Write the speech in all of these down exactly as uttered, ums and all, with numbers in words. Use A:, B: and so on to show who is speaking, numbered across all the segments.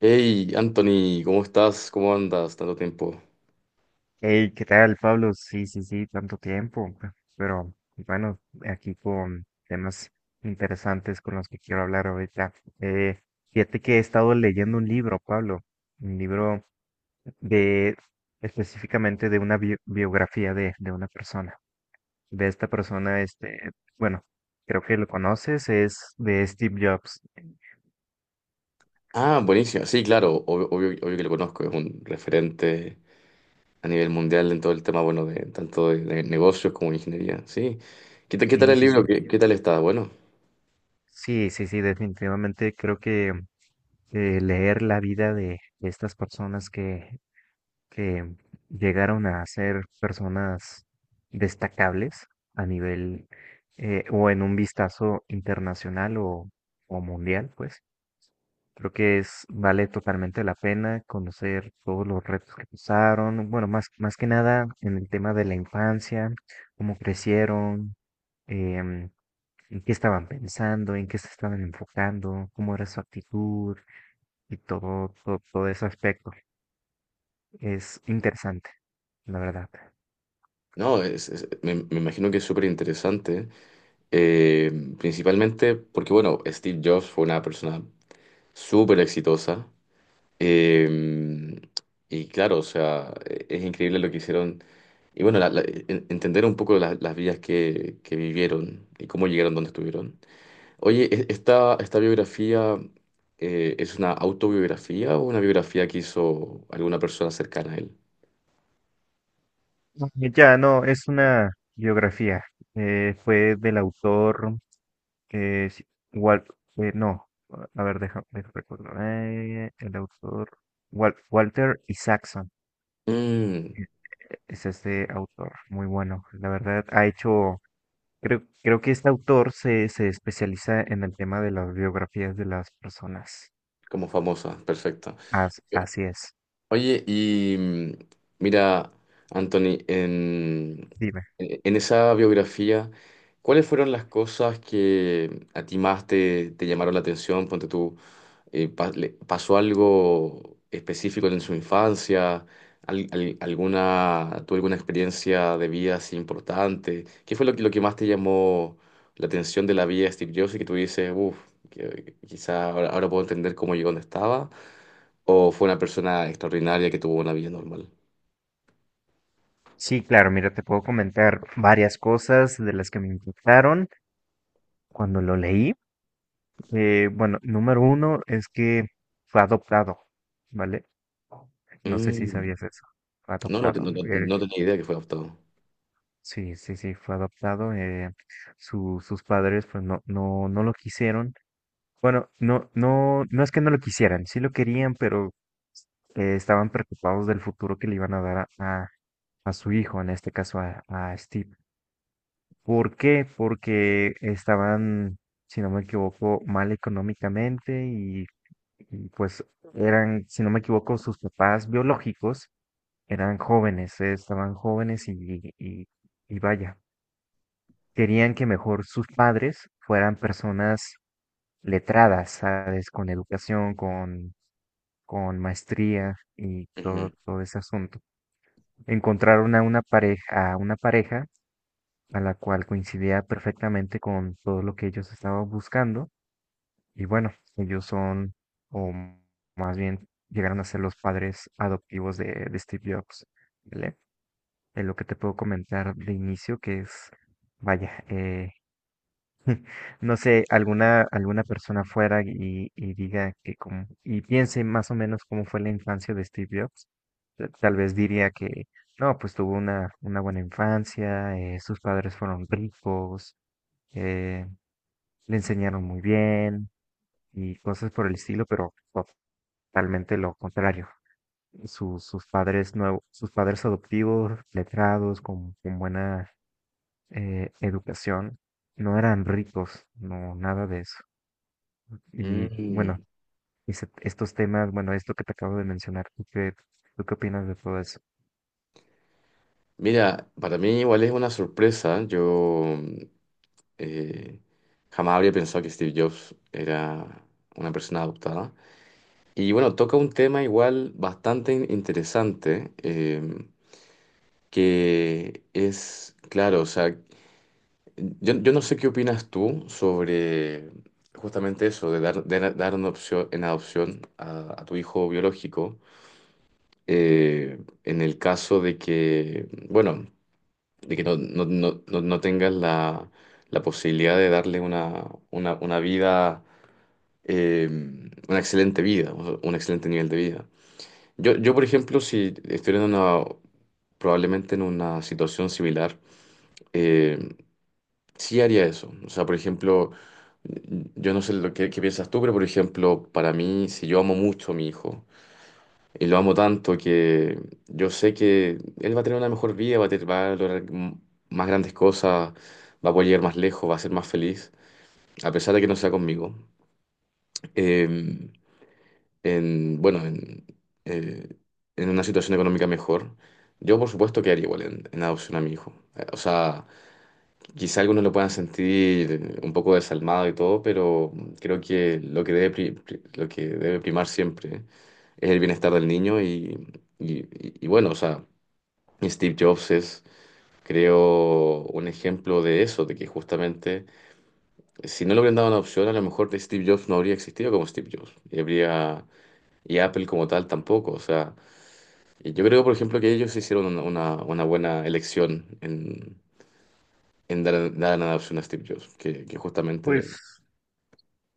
A: Hey, Anthony, ¿cómo estás? ¿Cómo andas? Tanto tiempo.
B: Hey, ¿qué tal, Pablo? Sí, sí, sí, tanto tiempo. pe- Pero bueno, aquí con temas interesantes con los que quiero hablar ahorita. Eh, Fíjate que he estado leyendo un libro, Pablo, un libro de específicamente de una bio- biografía de, de una persona. De esta persona, este, bueno, creo que lo conoces, es de Steve Jobs.
A: Ah, buenísimo. Sí, claro, obvio, obvio- obvio que lo conozco. Es un referente a nivel mundial en todo el tema, bueno, de tanto de, de negocios como de ingeniería. Sí. ¿Qué, ta- qué tal
B: Sí,
A: el
B: sí, sí.
A: libro? ¿Qué, qué tal está? Bueno,
B: Sí, sí, sí, definitivamente creo que eh, leer la vida de de estas personas que que llegaron a ser personas destacables a nivel eh, o en un vistazo internacional o, o mundial, pues. Creo que es, vale totalmente la pena conocer todos los retos que pasaron, bueno, más, más que nada en el tema de la infancia, cómo crecieron, em, en qué estaban pensando, en qué se estaban enfocando, cómo era su actitud y todo, todo, todo ese aspecto. Es interesante, la verdad.
A: no, es- es- me, me imagino que es súper interesante. eh, Principalmente porque, bueno, Steve Jobs fue una persona súper exitosa. eh, y claro, o sea, e- es increíble lo que hicieron. Y bueno, la- la- en- entender un poco la- las vidas que, que vivieron y cómo llegaron donde estuvieron. Oye, e- ¿esta, esta biografía eh, es una autobiografía o una biografía que hizo alguna persona cercana a él?
B: Mm, Ya, no, es una biografía. Eh, fue del autor que es Wal- eh, no, a ver, déjame, déjame recordar. Eh, el autor Wal- Walter Isaacson
A: Mm,
B: es este autor, muy bueno. La verdad, ha hecho, creo, creo que este autor se, se especializa en el tema de las biografías de las personas.
A: como famosa, perfecta.
B: As- así es.
A: Oye, y mm, mira, Anthony, en,
B: Dime.
A: e, en esa biografía, ¿cuáles fueron las cosas que a ti más te, te llamaron la atención? Ponte tú, eh, pa- le- pasó algo específico en su infancia. Al- al- alguna, tuvo alguna experiencia de vida así importante. ¿Qué fue lo que, lo que más te llamó la atención de la vida de Steve Jobs y que tú dices, uff, quizá ahora, ahora puedo entender cómo llegó donde estaba? ¿O fue una persona extraordinaria que tuvo una vida normal?
B: Sí, claro, mira, te puedo comentar varias cosas de las que me impactaron cuando lo leí. Eh, bueno, número uno es que fue adoptado, ¿vale? No sé si
A: Mm.
B: sabías eso. Fue
A: No, no, te- no,
B: adoptado.
A: no-
B: eh,
A: no tenía idea que fue adoptado.
B: sí, sí, sí, fue adoptado. Eh, su- sus padres pues no, no, no lo quisieron. Bueno, no, no, no es que no lo quisieran, sí lo querían, pero eh, estaban preocupados del futuro que le iban a dar a, a- a su hijo, en este caso a, a Steve. ¿Por qué? Porque estaban, si no me equivoco, mal económicamente y, y, pues eran, si no me equivoco, sus papás biológicos eran jóvenes, eh, estaban jóvenes y, y, y vaya, querían que mejor sus padres fueran personas letradas, ¿sabes? Con educación, con, con maestría y
A: Ujú.
B: todo, todo ese asunto. Encontraron a una pareja, a una pareja a la cual coincidía perfectamente con todo lo que ellos estaban buscando. Y bueno, ellos son, o m- más bien llegaron a ser los padres adoptivos de, de Steve Jobs, ¿vale? Es lo que te puedo comentar de inicio, que es, vaya, eh, no sé, alguna, alguna persona fuera y, y diga que como, y piense más o menos cómo fue la infancia de Steve Jobs, ta- tal vez diría que, no, pues tuvo una, una buena infancia, eh, sus padres fueron ricos, eh, le enseñaron muy bien y cosas por el estilo, pero totalmente lo contrario. Sus, sus padres nuevos, sus padres adoptivos, letrados, con, con buena eh, educación, no eran ricos, no, nada de eso. Y bueno,
A: Mm.
B: ese- estos temas, bueno, esto que te acabo de mencionar, ¿tú qué, ¿tú qué opinas de todo eso?
A: Mira, para mí igual es una sorpresa. Yo, Eh, jamás habría pensado que Steve Jobs era una persona adoptada. Y bueno, toca un tema igual bastante in- interesante, eh, que es, claro, o sea, yo, yo no sé qué opinas tú sobre justamente eso, de dar, de dar una opción, en adopción a, a tu hijo biológico, eh, en el caso de que, bueno, de que no, no, no, no no tengas la, la posibilidad de darle una, una, una vida, eh, una excelente vida, o- un excelente nivel de vida. Yo, yo, por ejemplo, si estuviera en una, probablemente en una situación similar, eh, sí haría eso. O sea, por ejemplo, yo no sé lo que, qué piensas tú, pero por ejemplo, para mí, si yo amo mucho a mi hijo y lo amo tanto que yo sé que él va a tener una mejor vida, va a, tener- va a lograr m- más grandes cosas, va a poder llegar más lejos, va a ser más feliz, a pesar de que no sea conmigo. Em, en, bueno, en, eh, en una situación económica mejor, yo por supuesto quedaría igual en, en adopción a mi hijo. Eh, O sea, quizá algunos lo puedan sentir, eh, un poco desalmado y todo, pero creo que lo que debe, pri- pri- lo que debe primar siempre es el bienestar del niño y, y- y- y bueno, o sea, Steve Jobs es... Creo un ejemplo de eso, de que justamente, eh, si no le hubieran dado una opción, a lo mejor Steve Jobs no habría existido como Steve Jobs, y habría y Apple como tal tampoco. O sea, y yo creo, por ejemplo, que ellos hicieron una, una- una buena elección en, en dar, dar en adopción a Steve Jobs, que, que
B: Pues
A: justamente...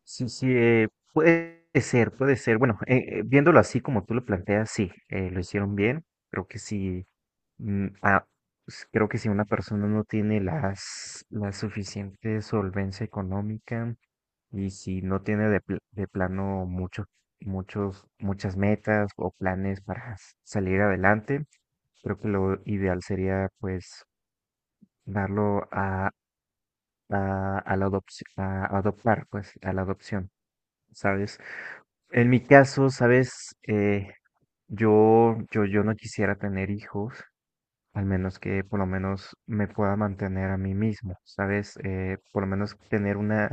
B: sí, sí, eh, puede ser, puede ser. Bueno, eh, eh, viéndolo así como tú lo planteas, sí, eh, lo hicieron bien. Creo que sí. Mm, ah, pues creo que si una persona no tiene las, la suficiente solvencia económica y si no tiene de, pl- de plano muchos, muchos, muchas metas o planes para s- salir adelante, creo que lo ideal sería pues darlo a, a, a la adopción, a adoptar, pues a la adopción, ¿sabes? En mi caso, ¿sabes? Eh, yo, yo, yo no quisiera tener hijos al menos que por lo menos me pueda mantener a mí mismo, ¿sabes? Eh, por lo menos tener una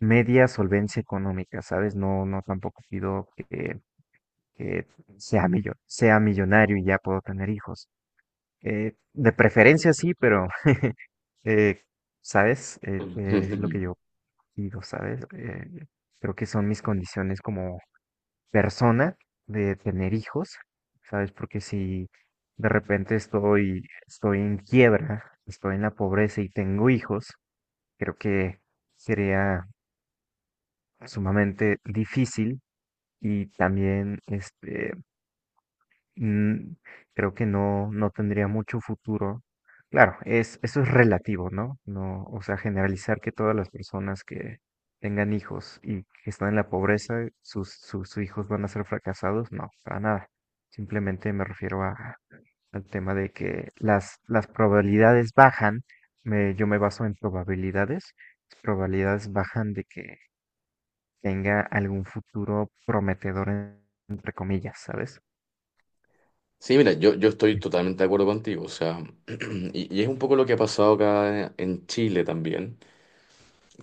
B: media solvencia económica, ¿sabes? No, no tampoco pido que, que sea millo- sea millonario y ya puedo tener hijos. Eh, de preferencia sí, pero, eh, ¿sabes? Eh, eh, es lo que
A: Mm.
B: yo pido, ¿sabes? Eh, creo que son mis condiciones como persona de tener hijos, ¿sabes? Porque si de repente estoy, estoy en quiebra, estoy en la pobreza y tengo hijos, creo que sería sumamente difícil y también este, mm, creo que no, no tendría mucho futuro. Claro, es, eso es relativo, ¿no? No, o sea, generalizar que todas las personas que tengan hijos y que están en la pobreza, sus, sus, sus hijos van a ser fracasados, no, para nada. Simplemente me refiero a, al tema de que las, las probabilidades bajan, me, yo me baso en probabilidades, las probabilidades bajan de que tenga algún futuro prometedor, en- entre comillas, ¿sabes?
A: Sí, mira, yo, yo estoy totalmente de acuerdo contigo, o sea, y, y es un poco lo que ha pasado acá en Chile también,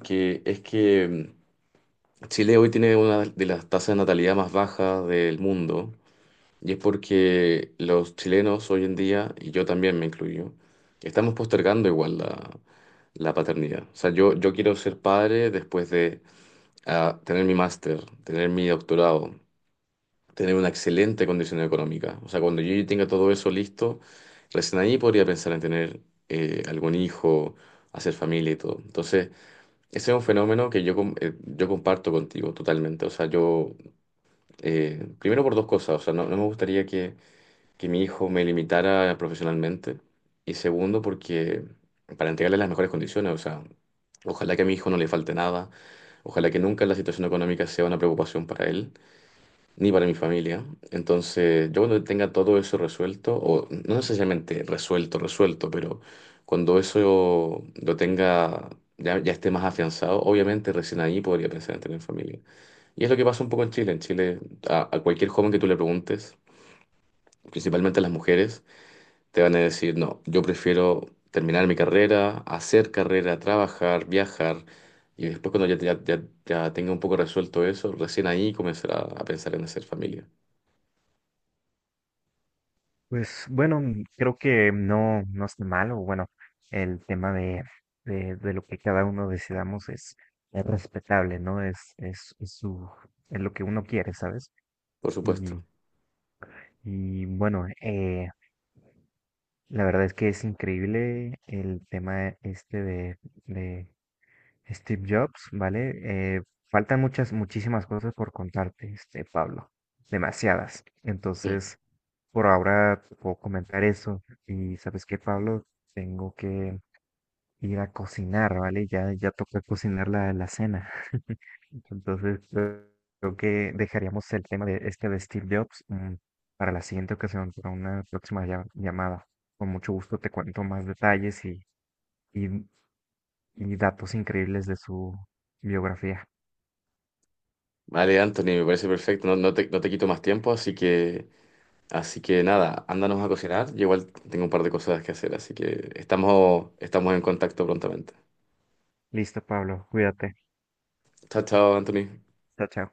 A: que es que mm, Chile hoy tiene una de las tasas de natalidad más bajas del mundo, y es porque los chilenos hoy en día, y yo también me incluyo, estamos postergando igual la, la paternidad. O sea, yo, yo quiero ser padre después de, ah, tener mi máster, tener mi doctorado, tener una excelente condición económica. O sea, cuando yo ya tenga todo eso listo, recién ahí podría pensar en tener, eh, algún hijo, hacer familia y todo. Entonces, ese es un fenómeno que yo, com- eh, yo comparto contigo totalmente. O sea, yo, eh, primero por dos cosas, o sea, no no me gustaría que que mi hijo me limitara profesionalmente. Y segundo, porque para entregarle las mejores condiciones, o sea, ojalá que a mi hijo no le falte nada, ojalá que nunca la situación económica sea una preocupación para él, ni para mi familia. Entonces, yo cuando tenga todo eso resuelto, o no necesariamente resuelto, resuelto, pero cuando eso lo tenga... Ya, ya esté más afianzado, obviamente recién ahí podría pensar en tener familia. Y es lo que pasa un poco en Chile. En Chile, a a cualquier joven que tú le preguntes, principalmente a las mujeres, te van a decir, no, yo prefiero terminar mi carrera, hacer carrera, trabajar, viajar, y después cuando ya, ya, ya- ya tenga un poco resuelto eso, recién ahí comenzará a pensar en hacer familia,
B: Pues bueno, mm, creo que no, no es malo. Bueno, el tema de, de, de lo que cada uno decidamos es, es respetable, ¿no? Es, es, es su, es lo que uno quiere, ¿sabes?
A: por
B: Y,
A: supuesto.
B: y bueno, eh, la verdad es que es increíble el tema este de, de Steve Jobs, ¿vale? Eh, faltan muchas, muchísimas cosas por contarte, este, Pablo. Demasiadas.
A: Mm.
B: Entonces, por ahora te puedo comentar eso. Y sabes qué, Pablo, tengo que ir a cocinar, ¿vale? Ya, ya toca cocinar la, la cena. Entonces, eh, creo que dejaríamos el tema de este de Steve Jobs, mm, para la siguiente ocasión, para una próxima llam- llamada. Con mucho gusto te cuento más detalles y, y, mm, y datos increíbles de su biografía.
A: Vale, Anthony, me parece perfecto, no, no te, no te quito más tiempo, así que, así que nada, ándanos a cocinar, yo igual tengo un par de cosas que hacer, así que estamos, estamos en contacto prontamente.
B: Listo, Pablo, cuídate.
A: Chao, chao, Anthony.
B: Chao, chao.